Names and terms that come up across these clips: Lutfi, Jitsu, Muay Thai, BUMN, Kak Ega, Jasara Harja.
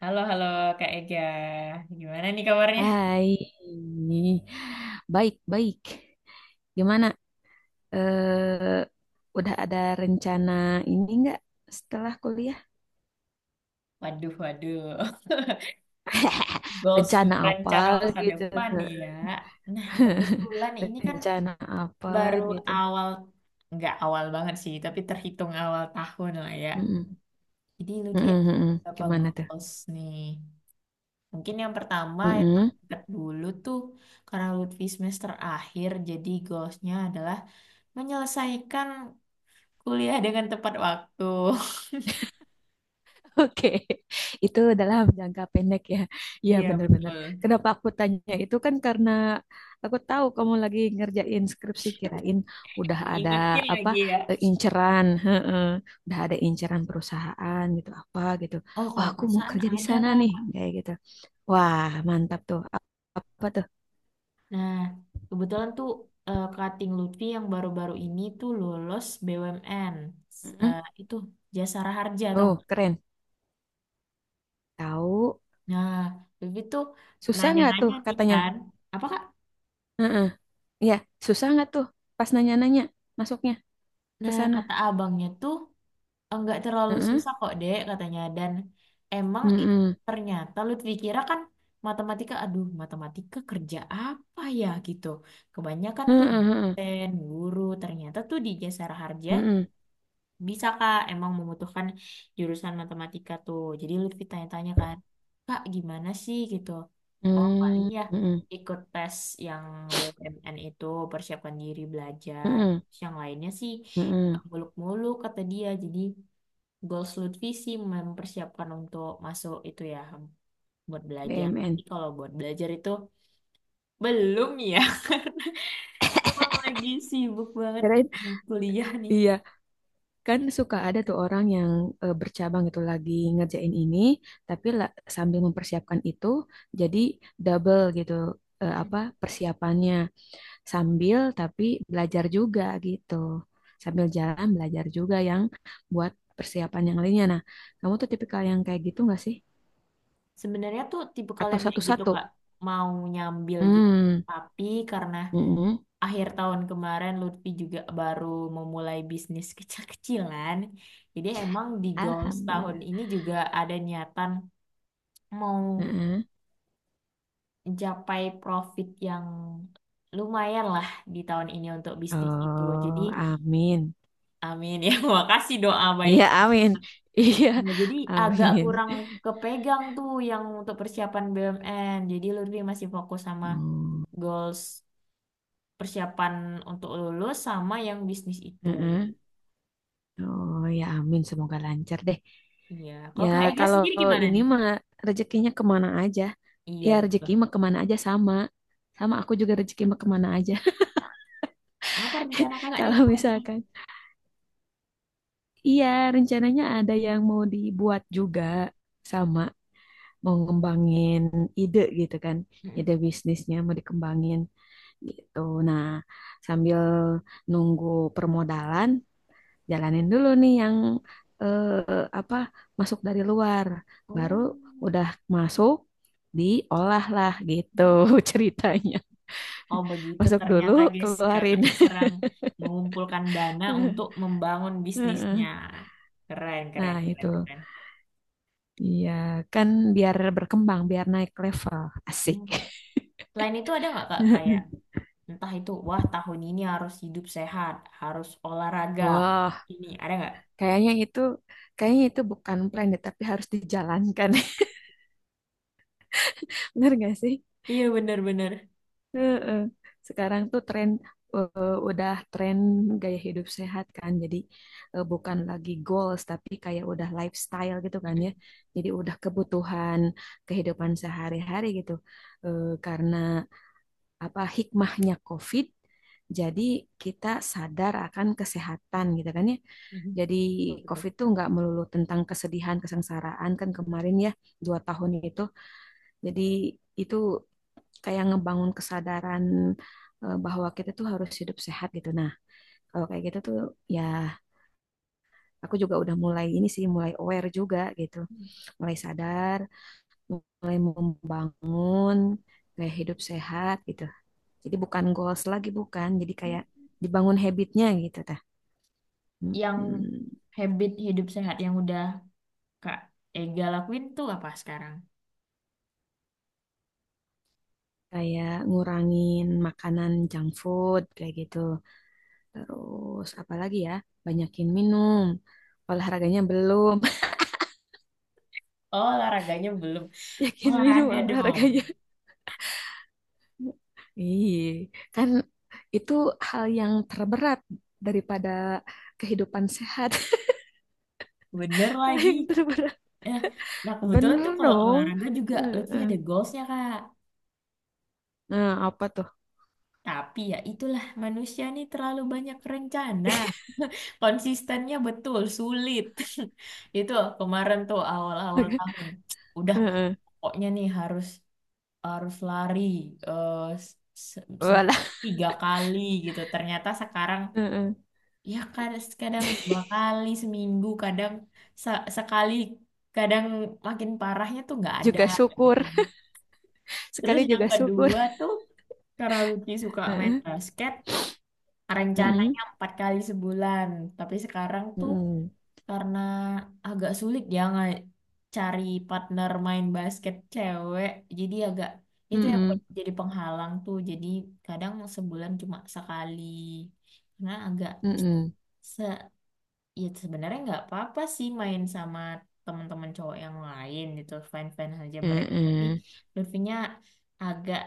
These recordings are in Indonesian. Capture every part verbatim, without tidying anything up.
Halo, halo Kak Ega. Gimana nih kabarnya? Hai, baik baik. Gimana? Eh, udah ada rencana ini nggak setelah kuliah? Waduh, waduh. Goals Rencana apa rencana masa gitu? depan nih ya. Nah, kebetulan ini kan Rencana apa baru gitu? awal, nggak awal banget sih, tapi terhitung awal tahun lah ya. Mm-mm. Jadi Lutfi Mm-mm, ada mm-mm. beberapa Gimana tuh? goals nih. Mungkin yang pertama, yang Mm-mm. terdekat dulu tuh, karena Lutfi semester akhir, jadi goalsnya adalah menyelesaikan kuliah dengan tepat waktu. Oke, itu dalam jangka pendek ya. Iya Iya, benar-benar. betul. Kenapa aku tanya itu kan karena aku tahu kamu lagi ngerjain skripsi, kirain udah ada Diingetin apa lagi ya. eh, inceran, heeh. Udah ada inceran perusahaan gitu apa gitu. Oh, Wah, kalau aku mau perusahaan kerja di ada, sana nih Kak. kayak gitu. Wah, mantap tuh. Ap- Apa tuh? Nah, kebetulan tuh eh, Kating Lutfi yang baru-baru ini tuh lulus B U M N. S- Heeh. eh, itu Jasara Harja atau Oh, nggak? keren. Tahu Nah, Lutfi tuh susah nggak tuh nanya-nanya nih katanya? kan. Apa, Kak? Heeh. Iya, susah nggak tuh pas nanya-nanya masuknya ke Nah, sana? kata abangnya tuh enggak terlalu Heeh. susah kok, Dek, katanya. Dan emang i- Mm-mm. ternyata Lutfi kira kan matematika, aduh, matematika kerja apa ya gitu. Kebanyakan tuh Heeh, heeh, dosen, guru, ternyata tuh di Jasara Harja heeh, bisa, Kak, emang membutuhkan jurusan matematika tuh. Jadi Lutfi tanya-tanya kan, Kak, gimana sih gitu? Oh, paling heeh, ya heeh, ikut tes yang B U M N itu, persiapkan diri belajar. heeh, Terus yang lainnya sih heeh, muluk-muluk kata dia. Jadi goals Lutfi sih mempersiapkan untuk masuk itu ya buat belajar. Tapi B M N. kalau buat belajar itu belum ya. Emang lagi sibuk banget Kirain, di kuliah nih. iya, kan suka ada tuh orang yang eh, bercabang gitu lagi ngerjain ini, tapi la- sambil mempersiapkan itu, jadi double gitu, eh, apa persiapannya sambil tapi belajar juga gitu, sambil jalan belajar juga yang buat persiapan yang lainnya. Nah, kamu tuh tipikal yang kayak gitu nggak sih? Sebenarnya tuh tipe Atau kalian kayak gitu satu-satu? Kak mau nyambil gitu. Hmm, Tapi karena mm-mm. akhir tahun kemarin Lutfi juga baru memulai bisnis kecil-kecilan. Jadi emang di goals tahun Alhamdulillah. ini juga ada niatan mau mencapai profit yang lumayan lah di tahun ini untuk bisnis itu. Jadi, Oh, amin. amin ya. Makasih doa baik. Iya, amin. Iya, Nah, jadi agak amin. kurang kepegang tuh yang untuk persiapan B U M N. Jadi, Lutfi masih fokus sama Hmm, goals persiapan untuk lulus sama yang bisnis itu. heeh. Oh, ya amin. Semoga lancar deh. Iya. Ya, Kalau Kak Ega kalau sendiri gimana ini nih? mah rezekinya kemana aja. Ya, Iya, betul. rezeki mah kemana aja sama. Sama aku juga rezeki mah kemana aja. Apa rencana kakak nih? Kalau misalkan, iya rencananya ada yang mau dibuat juga sama. Mau ngembangin ide gitu kan. Mm-mm. Ide bisnisnya mau dikembangin gitu. Nah, sambil nunggu permodalan, jalanin dulu nih yang eh, apa masuk dari luar. Baru Oh. udah masuk, diolah lah gitu Mm-hmm. ceritanya. Oh begitu Masuk dulu, ternyata guys, keluarin. kakaknya serang mengumpulkan dana untuk membangun bisnisnya. Heeh. Keren, keren, Nah, keren, itu. keren. Iya, kan biar berkembang, biar naik level. Asik. Hmm. Selain itu ada nggak kak kayak entah itu wah tahun ini harus hidup sehat, harus olahraga. Wah, Ini ada nggak? kayaknya itu kayaknya itu bukan plan deh, tapi harus dijalankan. Bener gak sih? Iya benar-benar. Heeh. Sekarang tuh tren, eh, udah tren gaya hidup sehat kan. Jadi eh, bukan lagi goals tapi kayak udah lifestyle gitu kan ya. Jadi udah kebutuhan kehidupan sehari-hari gitu. Eh, karena apa hikmahnya COVID, jadi kita sadar akan kesehatan gitu kan ya. Jadi Betul, betul. COVID tuh nggak melulu tentang kesedihan, kesengsaraan kan kemarin ya, dua tahun itu, jadi itu kayak ngebangun kesadaran, eh, bahwa kita tuh harus hidup sehat gitu. Nah, kalau kayak gitu tuh ya aku juga udah mulai ini sih, mulai aware juga gitu. Mulai sadar, mulai membangun kayak hidup sehat gitu. Jadi bukan goals lagi bukan, jadi kayak dibangun habitnya gitu tah. Yang Mm-mm. habit hidup sehat yang udah kak Ega lakuin tuh apa sekarang? Kayak ngurangin makanan junk food kayak gitu. Terus apalagi ya, banyakin minum. Olahraganya belum. Oh olahraganya belum. Yakin minum Olahraga dong. olahraganya. Ih, kan itu hal yang terberat daripada kehidupan sehat. Bener Hal lagi. yang terberat. Eh, Nah, kebetulan tuh Bener kalau dong. olahraga juga Lutfi ada Heeh. goalsnya, Kak. Nah, apa tuh? Tapi ya itulah, manusia nih terlalu banyak rencana. Konsistennya betul sulit. Itu kemarin tuh awal-awal tahun. Udah Heeh. pokoknya nih harus harus lari, eh, se- seminggu Walah. tiga kali gitu. Ternyata sekarang Heeh. ya kadang, kadang dua kali seminggu, kadang se- sekali, kadang makin parahnya tuh nggak ada Juga syukur. gitu. Terus Sekali yang juga syukur. kedua tuh karena Lucky suka main Heeh. basket, Heeh. rencananya empat kali sebulan. Tapi sekarang tuh Heeh. karena agak sulit ya nggak cari partner main basket cewek, jadi agak itu yang Heeh. buat jadi penghalang tuh. Jadi kadang sebulan cuma sekali. Karena agak Heeh. se ya sebenarnya nggak apa-apa sih main sama teman-teman cowok yang lain gitu, fine-fine aja mereka. Tapi Heeh. Lutfinya agak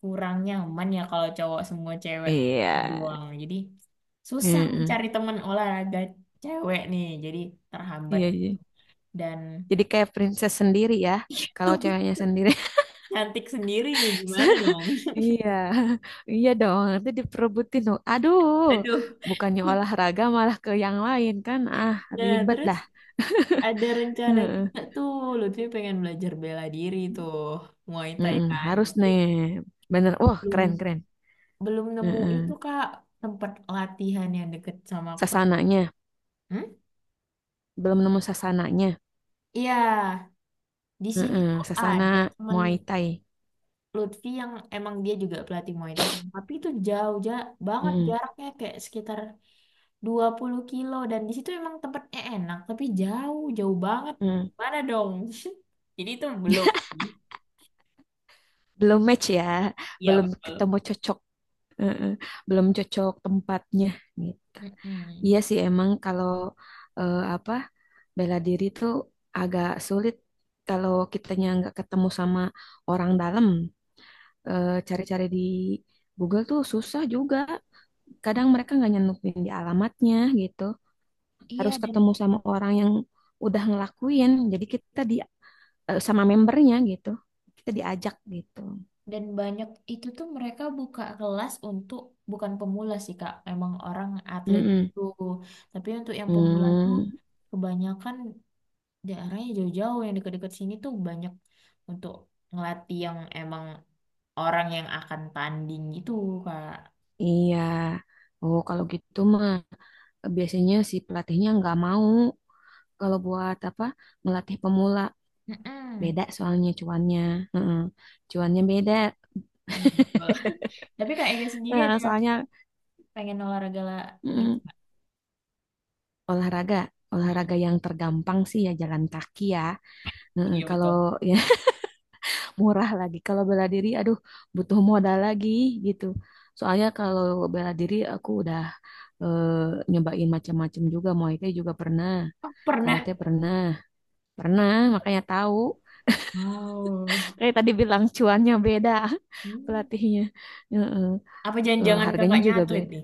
kurang nyaman ya kalau cowok semua cewek Iya. doang. Jadi susah Heeh. mencari teman olahraga cewek nih. Jadi terhambat Iya, iya. dan Jadi kayak princess sendiri ya. Kalau ceweknya sendiri. cantik sendiri nih gimana dong? Iya, iya dong. Nanti diperebutin dong. Aduh, Aduh. bukannya olahraga malah ke yang lain kan? Ah, Nah, ribet terus dah. ada rencana Heeh. juga tuh Lutfi pengen belajar bela diri tuh Muay Thai Mm-mm, kan. harus Tapi nih, bener. Wah, keren belum keren. belum nemu itu Heeh. Kak tempat latihan yang deket sama aku. Sasananya, Hmm? belum nemu sasananya. Iya, di sini Heeh, tuh Sasana ada temen Muay Thai. Lutfi yang emang dia juga pelatih Muay Thai kan. Tapi itu jauh ja banget Heeh, jaraknya, kayak sekitar dua puluh kilo, dan di situ emang tempatnya enak tapi jauh jauh banget, heeh. mana dong jadi itu belum sih. Belum match ya, Iya belum betul. ketemu cocok. Heeh, belum cocok tempatnya gitu. Mm-mm. Iya sih emang kalau eh, apa? Bela diri tuh agak sulit kalau kitanya nggak ketemu sama orang dalam. Eh, Cari-cari di Google tuh susah juga. Kadang mereka nggak nyantumin di alamatnya gitu. Iya Harus dan ketemu sama orang yang udah ngelakuin. Jadi kita di, eh, sama membernya gitu. Kita diajak gitu. dan banyak itu tuh mereka buka kelas untuk bukan pemula sih Kak, emang orang atlet Mm-mm. gitu, tapi untuk yang pemula tuh Hmm, kebanyakan daerahnya jauh-jauh. Yang dekat-dekat sini tuh banyak untuk ngelatih yang emang orang yang akan tanding gitu, kak. iya. Oh, kalau gitu mah biasanya si pelatihnya nggak mau kalau buat apa melatih pemula. Mm-mm. Beda soalnya cuannya. Heeh. Cuannya beda. Iya betul. Tapi kak Ega sendiri ada Eh, soalnya pengen olahraga lah gitu mm, kak. olahraga, Mm-mm. olahraga yang tergampang sih ya jalan kaki ya. Heeh, Iya kalau betul. ya murah lagi. Kalau bela diri, aduh butuh modal lagi gitu. Soalnya kalau bela diri aku udah eh, nyobain macam-macam juga. Muay Thai juga pernah. Oh, Karate pernah. pernah, pernah makanya tahu. Wow. Kayak tadi bilang cuannya beda Hmm. pelatihnya. Heeh. Apa Eh, jangan-jangan harganya kakaknya juga atlet beda. nih?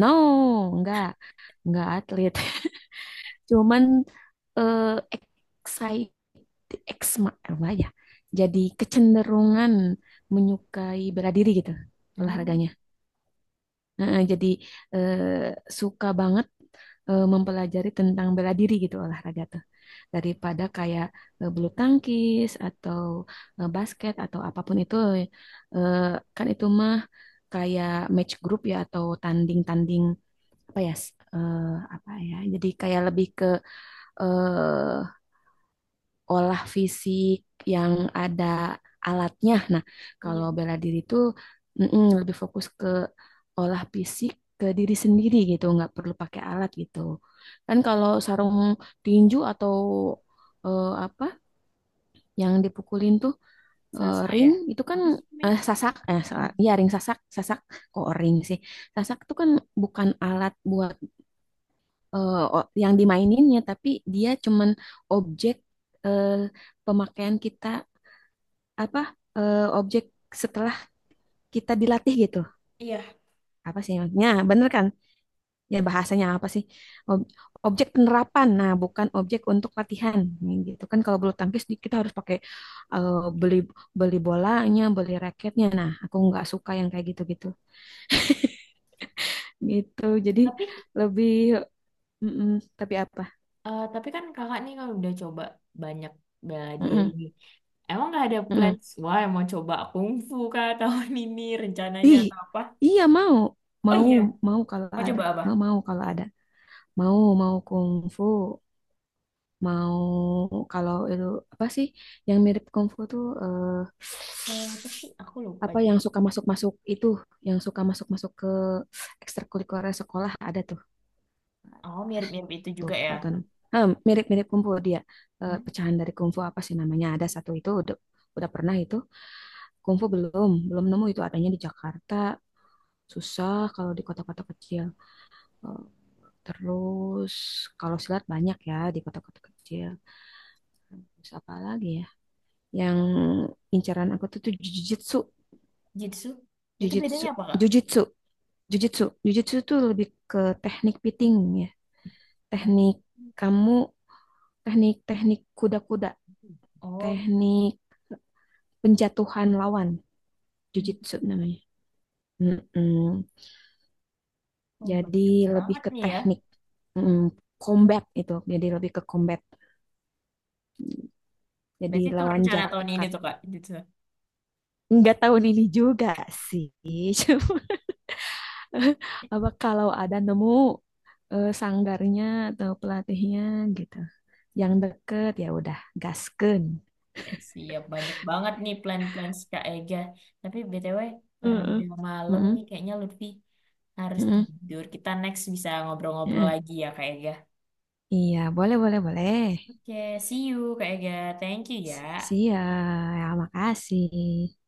No, enggak. Nggak atlet cuman, eh, excite eksma apa ya, jadi kecenderungan menyukai bela diri gitu Hmm. olahraganya. Heeh, jadi eh, suka banget eh, mempelajari tentang bela diri gitu olahraga tuh daripada kayak eh, bulu tangkis atau eh, basket atau apapun itu, eh, kan itu mah kayak match group ya atau tanding-tanding apa ya, eh, apa ya jadi kayak lebih ke eh, olah fisik yang ada alatnya. Nah, kalau Iya. bela diri itu mm-mm, lebih fokus ke olah fisik ke diri sendiri gitu, nggak perlu pakai alat gitu. Kan kalau sarung tinju atau eh, apa yang dipukulin tuh eh, Sasa ring ya. itu kan, Apa sih namanya? eh, sasak eh salah. Mm-mm. Iya, ring sasak, sasak kok ring sih. Sasak itu kan bukan alat buat eh, o- yang dimaininnya, tapi dia cuman objek, eh, pemakaian kita apa, eh, objek setelah kita dilatih gitu. Iya. Apa sih maksudnya? Nah, bener kan? Ya bahasanya apa sih? Ob- Objek penerapan. Nah, bukan objek untuk latihan. Ini gitu kan, kalau bulu tangkis di- kita harus pakai eh, beli beli bolanya, beli raketnya. Nah, aku nggak suka yang kayak gitu-gitu. Gitu. Jadi Tapi lebih mm-mm, tapi apa? eh, tapi kan kakak nih kalau udah coba banyak bela diri Mm-mm, nih. Emang nggak ada mm-mm. plans? Wah, mau coba kungfu kah tahun ini rencananya Ih, atau apa? iya mau, Oh mau, iya, mau kalau mau ada. coba apa? Ah, mau kalau ada, mau mau kungfu, mau kalau itu apa sih yang mirip kungfu tuh, eh, Eh, apa sih? Aku lupa apa yang juga. suka masuk-masuk itu, yang suka masuk-masuk ke ekstrakurikuler sekolah ada tuh, Oh, mirip-mirip itu tuh juga ya. Pak Tono. Ah, mirip-mirip kungfu dia. Eh, Hmm? pecahan dari kungfu apa sih namanya? Ada satu itu udah, udah pernah itu, kungfu belum, belum nemu itu adanya di Jakarta, susah kalau di kota-kota kecil. Oh. Terus kalau silat banyak ya di kota-kota kecil. Terus apa lagi ya? Yang incaran aku tuh tuh jujitsu, Jitsu? Itu jujitsu, bedanya apa, Kak? jujitsu, jujitsu. Jujitsu tuh lebih ke teknik piting ya. Oh, Teknik kamu, teknik-teknik kuda-kuda, oh, teknik penjatuhan lawan, jujitsu namanya. Mm-mm. oh, Jadi banyak lebih banget ke nih ya. teknik mm, combat itu. Jadi lebih ke combat. Jadi Berarti itu lawan rencana jarak tahun ini dekat. tuh, Kak, Jitsu. Nggak tahun ini juga sih. Cuma apa kalau ada nemu eh, sanggarnya atau pelatihnya gitu, yang deket ya udah gaskeun. Ya, siap, banyak banget nih plan-plan Kak Ega. Tapi B T W, karena Heeh. udah malam Mm-mm, nih, kayaknya Lutfi harus mm-mm, tidur. Kita next bisa ngobrol-ngobrol mm-mm. lagi ya, Kak Ega. Iya, boleh, boleh, boleh. Oke, see you Kak Ega. Thank you Si- ya. Siap, ya, makasih.